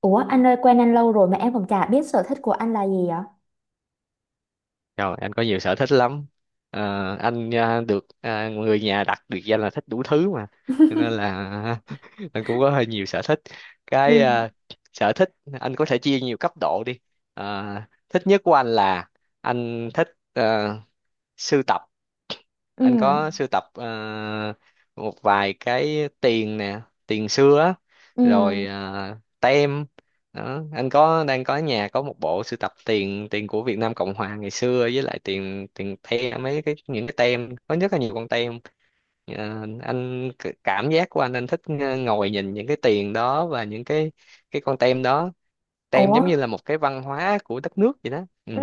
Ủa anh ơi, quen anh lâu rồi mà em còn chả biết sở thích của anh là gì ạ? Rồi, anh có nhiều sở thích lắm. Ờ, anh à, được à, người nhà đặt biệt danh là thích đủ thứ mà. Cho nên là anh cũng có hơi nhiều sở thích. Ừ. Cái à, sở thích anh có thể chia nhiều cấp độ đi. Ờ, thích nhất của anh là anh thích sưu tập, Ừ. anh có sưu tập một vài cái tiền nè, tiền xưa á, Ừ. rồi tem đó. Anh có, đang có ở nhà có một bộ sưu tập tiền tiền của Việt Nam Cộng Hòa ngày xưa, với lại tiền tiền tem, mấy cái những cái tem, có rất là nhiều con tem. Anh cảm giác của anh thích ngồi nhìn những cái tiền đó và những cái con tem đó, tem Ủa. giống như là một cái văn hóa của đất nước vậy đó. Ừ. Ừ,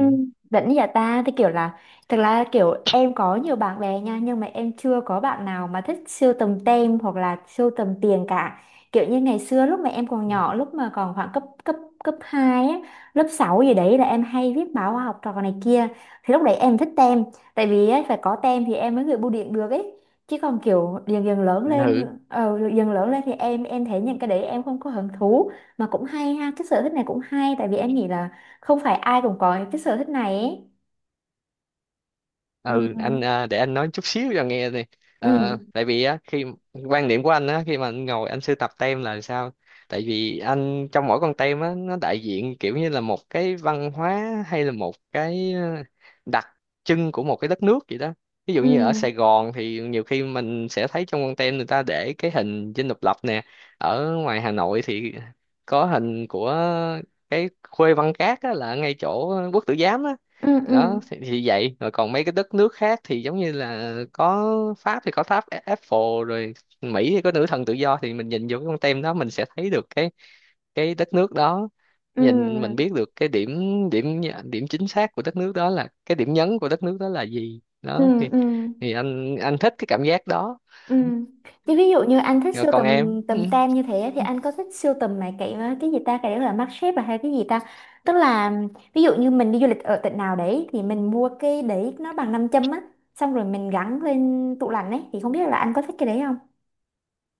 vẫn nhà ta thì kiểu là thực ra kiểu em có nhiều bạn bè nha nhưng mà em chưa có bạn nào mà thích sưu tầm tem hoặc là sưu tầm tiền cả. Kiểu như ngày xưa lúc mà em còn nhỏ, lúc mà còn khoảng cấp cấp cấp 2 á, lớp 6 gì đấy là em hay viết báo khoa học trò này kia, thì lúc đấy em thích tem, tại vì á, phải có tem thì em mới gửi bưu điện được ấy. Chứ còn kiểu dần dần lớn lên, Ừ, dần lớn lên thì em thấy những cái đấy em không có hứng thú. Mà cũng hay ha, cái sở thích này cũng hay, tại vì em nghĩ là không phải ai cũng có cái sở thích này ấy. ừ, anh Ừ. à, để anh nói chút xíu cho nghe nè. Ừ. Tại vì á, khi quan điểm của anh á, khi mà anh ngồi anh sưu tập tem là sao, tại vì anh, trong mỗi con tem á, nó đại diện kiểu như là một cái văn hóa hay là một cái đặc trưng của một cái đất nước vậy đó. Ví dụ Ừ. như ở Sài Gòn thì nhiều khi mình sẽ thấy trong con tem người ta để cái hình Dinh Độc Lập nè, ở ngoài Hà Nội thì có hình của cái Khuê Văn Các á, là ngay chỗ Quốc Tử Giám á. Ừ. Ừ. Đó thì, vậy rồi còn mấy cái đất nước khác thì giống như là có Pháp thì có tháp Eiffel rồi, Mỹ thì có nữ thần tự do, thì mình nhìn vô cái con tem đó mình sẽ thấy được cái đất nước đó, nhìn mình Ừ. biết được cái điểm, điểm chính xác của đất nước đó, là cái điểm nhấn của đất nước đó là gì Ừ. đó. thì Ừ. thì anh thích cái cảm giác đó. Ừ. Chứ ví dụ như anh thích Rồi sưu còn tầm em. tầm Ừ. tem như thế thì anh có thích sưu tầm mấy cái gì ta, cái đó là mác xếp à hay cái gì ta, tức là ví dụ như mình đi du lịch ở tỉnh nào đấy thì mình mua cái đấy, nó bằng nam châm á, xong rồi mình gắn lên tủ lạnh ấy, thì không biết là anh có thích cái đấy không?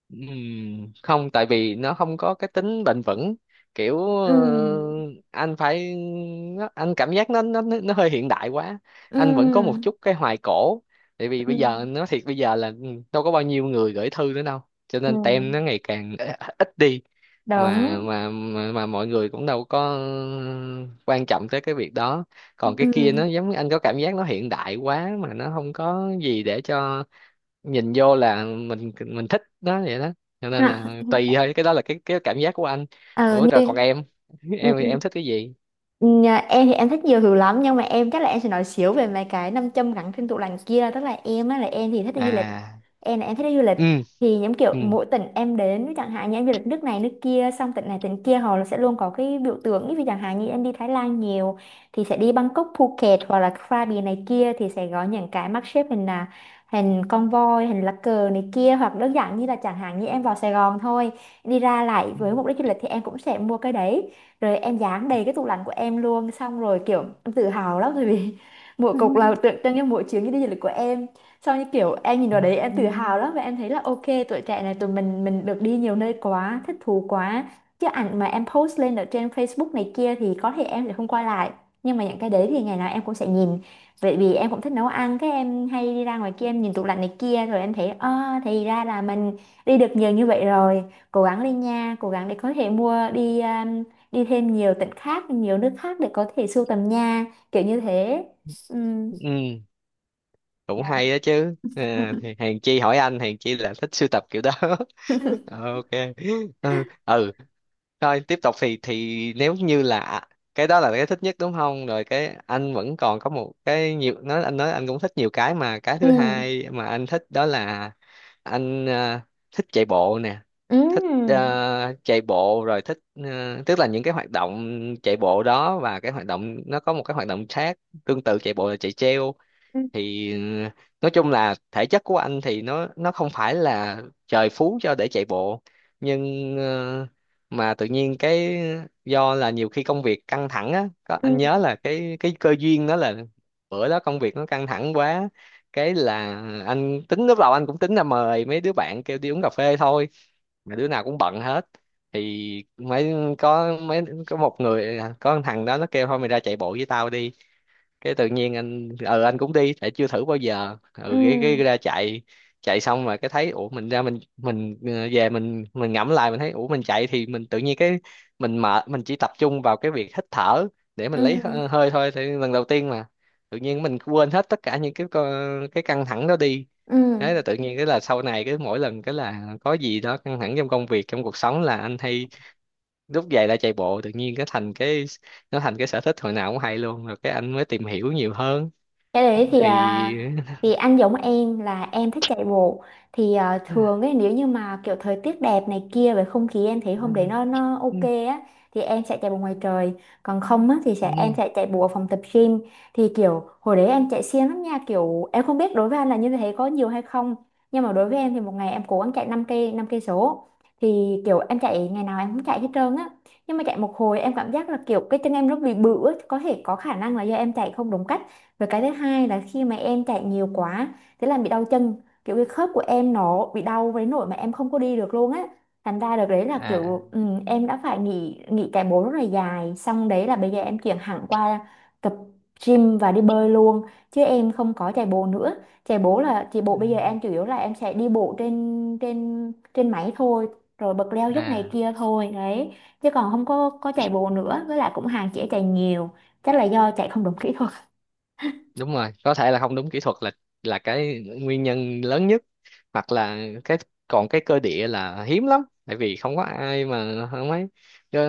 Không, tại vì nó không có cái tính bền vững, kiểu Ừ. anh phải, anh cảm giác nó nó hơi hiện đại quá. Anh vẫn có một Ừ. chút cái hoài cổ, tại vì Ừ. bây giờ nói thiệt, bây giờ là, ừ, đâu có bao nhiêu người gửi thư nữa đâu, cho Ừ. nên tem nó ngày càng ít đi, mà Đúng. mà mà, mà mọi người cũng đâu có quan trọng tới cái việc đó. Còn cái Ừ. kia nó giống, anh có cảm giác nó hiện đại quá mà nó không có gì để cho nhìn vô là mình thích đó vậy đó, cho nên Hả? là tùy thôi, cái đó là cái cảm giác của anh. Ờ Ủa rồi còn như. em, Ừ, em ừ, thì em thích cái gì? Nhà em thì em thích nhiều thứ lắm nhưng mà em chắc là em sẽ nói xíu về mấy cái nam châm gắn trên tủ lạnh kia. Tức là em á, là em thì thích đi À, du lịch, em là em thích đi du lịch, ừ, thì những kiểu ừ. mỗi tỉnh em đến chẳng hạn như em du lịch nước này nước kia, xong tỉnh này tỉnh kia họ sẽ luôn có cái biểu tượng. Ví dụ chẳng hạn như em đi Thái Lan nhiều thì sẽ đi Bangkok, Phuket hoặc là Krabi này kia thì sẽ có những cái mác xếp hình là hình con voi, hình lá cờ này kia, hoặc đơn giản như là chẳng hạn như em vào Sài Gòn thôi, đi ra lại với mục đích du lịch thì em cũng sẽ mua cái đấy. Rồi em dán đầy cái tủ lạnh của em luôn, xong rồi kiểu em tự hào lắm, tại vì mỗi cục là tượng trưng cho mỗi chuyến đi du lịch của em. Xong như kiểu em nhìn vào Ừ. đấy em tự hào lắm, và em thấy là ok, tuổi trẻ này tụi mình được đi nhiều nơi quá, thích thú quá. Chứ ảnh mà em post lên ở trên Facebook này kia thì có thể em sẽ không quay lại, nhưng mà những cái đấy thì ngày nào em cũng sẽ nhìn. Vậy vì em cũng thích nấu ăn, cái em hay đi ra ngoài kia, em nhìn tủ lạnh này kia rồi em thấy à, thì ra là mình đi được nhiều như vậy rồi, cố gắng lên nha, cố gắng để có thể mua, đi thêm nhiều tỉnh khác, nhiều nước khác để có thể sưu tầm nha, kiểu như thế. Ừ. Ừ, cũng Dạ. hay đó chứ. À, thì Hèn Chi hỏi anh, Hèn Chi là thích sưu tập kiểu đó. OK. Ừ, ừ. Thôi tiếp tục thì, nếu như là cái đó là cái thích nhất, đúng không? Rồi cái anh vẫn còn có một cái, nhiều, nói anh, nói anh cũng thích nhiều cái, mà cái Ừ. thứ hai mà anh thích đó là anh thích chạy bộ nè. Ừ. Thích chạy bộ, rồi thích tức là những cái hoạt động chạy bộ đó, và cái hoạt động, nó có một cái hoạt động khác tương tự chạy bộ là chạy treo. Ừ. Thì nói chung là thể chất của anh thì nó không phải là trời phú cho để chạy bộ, nhưng mà tự nhiên cái, do là nhiều khi công việc căng thẳng á, có anh nhớ Ừ. là cái cơ duyên đó là, bữa đó công việc nó căng thẳng quá, cái là anh tính, lúc đầu anh cũng tính là mời mấy đứa bạn kêu đi uống cà phê thôi, mà đứa nào cũng bận hết. Thì mấy, có mấy, có một người, à, có một thằng đó nó kêu thôi mày ra chạy bộ với tao đi, cái tự nhiên anh ừ, anh cũng đi tại chưa thử bao giờ, Ừ. ừ, cái ra chạy. Chạy xong mà cái thấy, ủa mình ra mình, về mình ngẫm lại mình thấy ủa mình chạy thì mình tự nhiên cái, mình mệt mình chỉ tập trung vào cái việc hít thở, để mình lấy Ừ. Hơi thôi, thì lần đầu tiên mà tự nhiên mình quên hết tất cả những cái căng thẳng đó đi. Ừ. Thế là tự nhiên cái là sau này, cái mỗi lần cái là có gì đó căng thẳng trong công việc, trong cuộc sống là anh hay lúc về lại chạy bộ, tự nhiên cái thành cái, nó thành cái sở thích hồi nào cũng hay luôn, rồi cái anh mới tìm hiểu nhiều hơn. Cái đấy thì à, Thì thì anh giống em là em thích chạy bộ, thì à, thường ấy nếu như mà kiểu thời tiết đẹp này kia, về không khí em thấy hôm đấy nó ok á thì em sẽ chạy bộ ngoài trời, còn không á thì sẽ em sẽ chạy bộ ở phòng tập gym. Thì kiểu hồi đấy em chạy siêng lắm nha, kiểu em không biết đối với anh là như thế có nhiều hay không, nhưng mà đối với em thì một ngày em cố gắng chạy 5 cây số. Thì kiểu em chạy ngày nào em cũng chạy hết trơn á, nhưng mà chạy một hồi em cảm giác là kiểu cái chân em nó bị bự á, có thể có khả năng là do em chạy không đúng cách. Và cái thứ hai là khi mà em chạy nhiều quá thế là bị đau chân, kiểu cái khớp của em nó bị đau với nỗi mà em không có đi được luôn á. Thành ra được đấy là kiểu à, ừ, em đã phải nghỉ nghỉ chạy bộ rất là dài. Xong đấy là bây giờ em chuyển hẳn qua tập gym và đi bơi luôn, chứ em không có chạy bộ nữa. Chạy bộ là chạy bộ bây giờ em chủ yếu là em sẽ đi bộ trên trên trên máy thôi, rồi bật leo dốc này à, kia thôi đấy, chứ còn không có có chạy bộ nữa, với lại cũng hạn chế chạy nhiều, chắc là do chạy không đúng kỹ thuật. đúng rồi, có thể là không đúng kỹ thuật, là cái nguyên nhân lớn nhất, hoặc là cái, còn cái cơ địa là hiếm lắm tại vì không có ai mà không ấy, chứ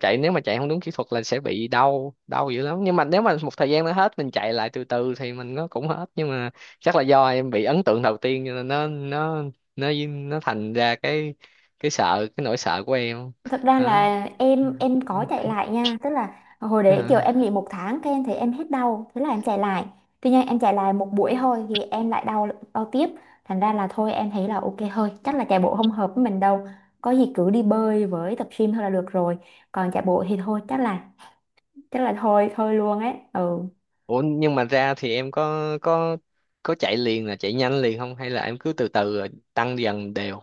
chạy, nếu mà chạy không đúng kỹ thuật là sẽ bị đau, đau dữ lắm, nhưng mà nếu mà một thời gian nó hết, mình chạy lại từ từ thì mình, nó cũng hết, nhưng mà chắc là do em bị ấn tượng đầu tiên cho nên nó thành ra cái nỗi sợ của em Thật ra đó. là em có chạy lại nha, tức là hồi đấy kiểu À. em nghỉ 1 tháng cái em thấy em hết đau, thế là em chạy lại. Tuy nhiên em chạy lại một buổi thôi thì em lại đau, đau tiếp, thành ra là thôi em thấy là ok thôi, chắc là chạy bộ không hợp với mình đâu. Có gì cứ đi bơi với tập gym thôi là được rồi. Còn chạy bộ thì thôi, chắc là thôi thôi luôn ấy. Ừ. Ủa, nhưng mà ra thì em có chạy liền là chạy nhanh liền không, hay là em cứ từ từ rồi tăng dần đều?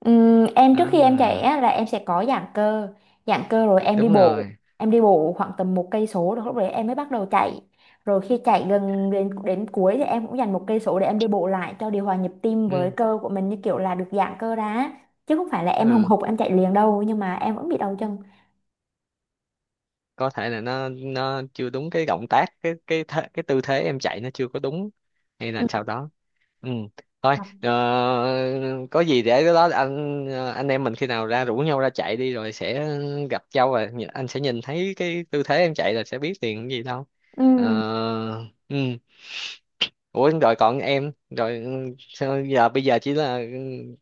Em trước khi em chạy À, á, là em sẽ có giãn cơ, giãn cơ rồi em đi đúng bộ, rồi. em đi bộ khoảng tầm 1 cây số rồi lúc đấy em mới bắt đầu chạy. Rồi khi chạy gần đến đến cuối thì em cũng dành 1 cây số để em đi bộ lại cho điều hòa nhịp tim, với Ừ, cơ của mình như kiểu là được giãn cơ ra á. Chứ không phải là em hùng ừ, hục em chạy liền đâu, nhưng mà em vẫn bị đau chân. có thể là nó chưa đúng cái động tác, cái cái tư thế em chạy nó chưa có đúng hay là Ừ. sau đó. Ừ, thôi có gì để cái đó, anh em mình khi nào ra rủ nhau ra chạy đi rồi sẽ gặp nhau, và anh sẽ nhìn thấy cái tư thế em chạy là sẽ biết liền cái gì đâu. Ừ. Ờ, ừ. Ủa rồi còn em, rồi, sao giờ bây giờ chỉ là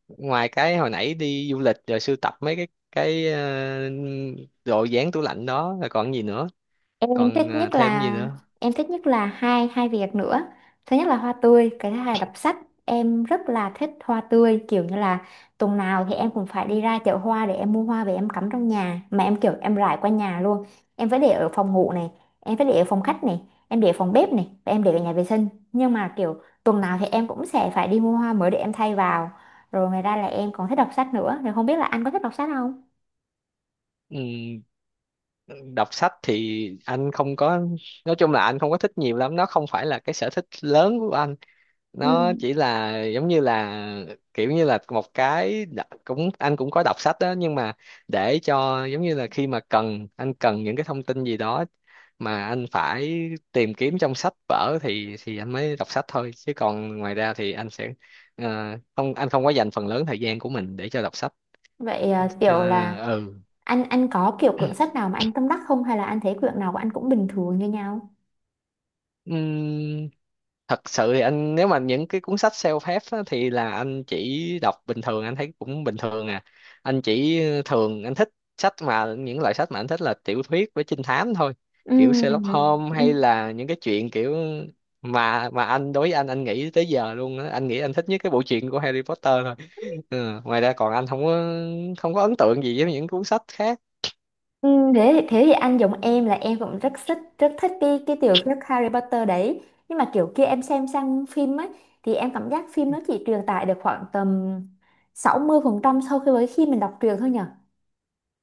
ngoài cái hồi nãy đi du lịch rồi sưu tập mấy cái đồ dán tủ lạnh đó, rồi còn gì nữa, Em còn thích nhất thêm gì là nữa? em thích nhất là hai hai việc nữa. Thứ nhất là hoa tươi, cái thứ hai là đọc sách. Em rất là thích hoa tươi, kiểu như là tuần nào thì em cũng phải đi ra chợ hoa để em mua hoa về em cắm trong nhà, mà em kiểu em rải qua nhà luôn. Em phải để ở phòng ngủ này, em phải để ở phòng khách này, em để ở phòng bếp này, và em để ở nhà vệ sinh. Nhưng mà kiểu tuần nào thì em cũng sẽ phải đi mua hoa mới để em thay vào. Rồi ngoài ra là em còn thích đọc sách nữa, thì không biết là anh có thích đọc sách không? Ừm, đọc sách thì anh không có, nói chung là anh không có thích nhiều lắm, nó không phải là cái sở thích lớn của anh, Ừ. nó chỉ là giống như là kiểu như là cũng anh cũng có đọc sách đó, nhưng mà để cho giống như là khi mà anh cần những cái thông tin gì đó mà anh phải tìm kiếm trong sách vở thì, anh mới đọc sách thôi, chứ còn ngoài ra thì anh sẽ không, anh không có dành phần lớn thời gian của mình để cho đọc sách. Vậy à, kiểu là ừ. anh có kiểu quyển sách nào mà anh tâm đắc không, hay là anh thấy quyển nào của anh cũng bình thường như nhau? Thật sự thì anh, nếu mà những cái cuốn sách self-help á, thì là anh chỉ đọc bình thường, anh thấy cũng bình thường à. Anh chỉ thường anh thích sách, mà những loại sách mà anh thích là tiểu thuyết với trinh thám thôi, kiểu Sherlock Ừ. Holmes Ừ. hay là những cái chuyện kiểu, mà anh, đối với anh nghĩ tới giờ luôn á, anh nghĩ anh thích nhất cái bộ truyện của Harry Potter thôi. Ừ. Ngoài ra còn anh không có ấn tượng gì với những cuốn sách khác. Ừ, thế thì anh giống em là em cũng rất thích, rất thích cái tiểu thuyết Harry Potter đấy, nhưng mà kiểu kia em xem sang phim ấy thì em cảm giác phim nó chỉ truyền tải được khoảng tầm 60% sau khi với khi mình đọc truyện thôi nhở.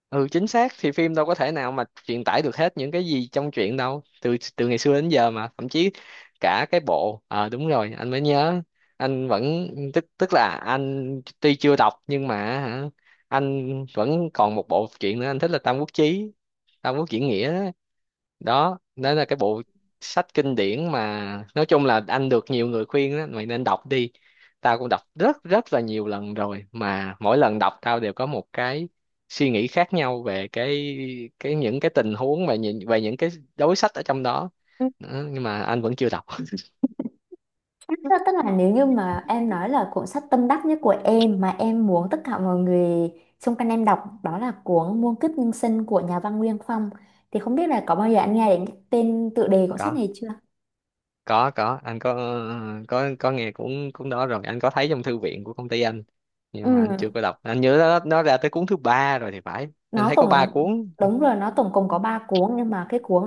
Ừ, chính xác, thì phim đâu có thể nào mà truyền tải được hết những cái gì trong truyện đâu từ, từ ngày xưa đến giờ, mà thậm chí cả cái bộ, đúng rồi, anh mới nhớ, anh vẫn, tức tức là anh tuy chưa đọc nhưng mà, hả, anh vẫn còn một bộ truyện nữa anh thích là Tam Quốc Chí, Tam Quốc Diễn Nghĩa đó. Đó là cái bộ sách kinh điển, mà nói chung là anh được nhiều người khuyên đó, mày nên đọc đi, tao cũng đọc rất rất là nhiều lần rồi, mà mỗi lần đọc tao đều có một cái suy nghĩ khác nhau về cái, những cái tình huống và nhìn về những cái đối sách ở trong đó. Đó, nhưng mà anh vẫn chưa đọc. Tức Tức là nếu như mà em nói là cuốn sách tâm đắc nhất của em mà em muốn tất cả mọi người xung quanh em đọc đó là cuốn Muôn Kiếp Nhân Sinh của nhà văn Nguyên Phong, thì không biết là có bao giờ anh nghe đến cái tên tựa đề cuốn sách có này chưa? có anh có, có nghe, cũng cũng đó, rồi anh có thấy trong thư viện của công ty anh, nhưng mà anh Ừ. chưa có đọc. Anh nhớ nó ra tới cuốn thứ ba rồi thì phải, anh Nó thấy có ba tổng, cuốn. đúng rồi, nó tổng cộng có 3 cuốn, nhưng mà cái cuốn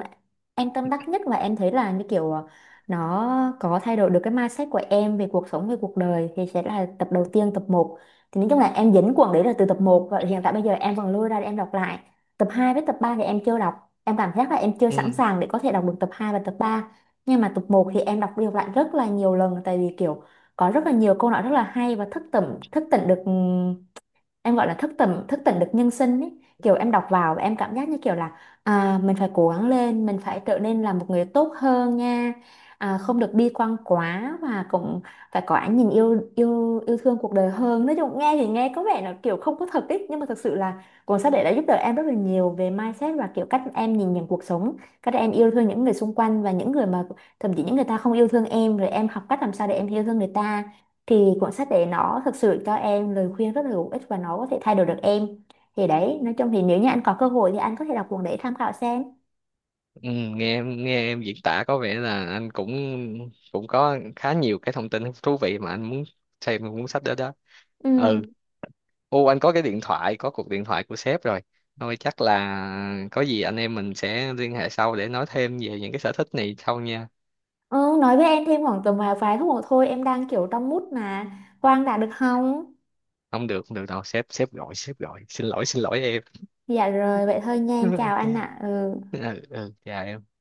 em tâm đắc nhất và em thấy là như kiểu ờ, nó có thay đổi được cái mindset của em về cuộc sống, về cuộc đời thì sẽ là tập đầu tiên, tập 1. Thì nói chung là em dính cuốn đấy là từ tập 1, và hiện tại bây giờ em vẫn lôi ra để em đọc lại. Tập 2 với tập 3 thì em chưa đọc, em cảm giác là em chưa sẵn Ừ. sàng để có thể đọc được tập 2 và tập 3. Nhưng mà tập 1 thì em đọc đi đọc lại rất là nhiều lần, tại vì kiểu có rất là nhiều câu nói rất là hay và thức tỉnh được, em gọi là thức tỉnh được nhân sinh ấy. Kiểu em đọc vào và em cảm giác như kiểu là à, mình phải cố gắng lên, mình phải trở nên là một người tốt hơn nha, à, không được bi quan quá, và cũng phải có ánh nhìn yêu yêu yêu thương cuộc đời hơn. Nói chung nghe thì nghe có vẻ là kiểu không có thật ấy, nhưng mà thực sự là cuốn sách đấy đã giúp đỡ em rất là nhiều về mindset và kiểu cách em nhìn nhận cuộc sống, cách em yêu thương những người xung quanh, và những người mà thậm chí những người ta không yêu thương em rồi em học cách làm sao để em yêu thương người ta. Thì cuốn sách đấy nó thực sự cho em lời khuyên rất là hữu ích và nó có thể thay đổi được em. Thì đấy, nói chung thì nếu như anh có cơ hội thì anh có thể đọc cuốn đấy tham khảo xem. Ừ, nghe em diễn tả có vẻ là anh cũng, có khá nhiều cái thông tin thú vị mà anh muốn xem cuốn sách đó đó. Ừ. Ừ. Ô, anh có cái điện thoại, có cuộc điện thoại của sếp rồi, thôi chắc là có gì anh em mình sẽ liên hệ sau để nói thêm về những cái sở thích này sau nha. Ừ, nói với em thêm khoảng tầm vài vài phút nữa thôi, em đang kiểu trong mút mà Quang đã được không? Không được, không được đâu, sếp sếp gọi, sếp gọi, xin lỗi, xin lỗi em. Dạ rồi, vậy thôi nha, em chào OK. anh ạ. Ừ. Ừ, ừ, chào em.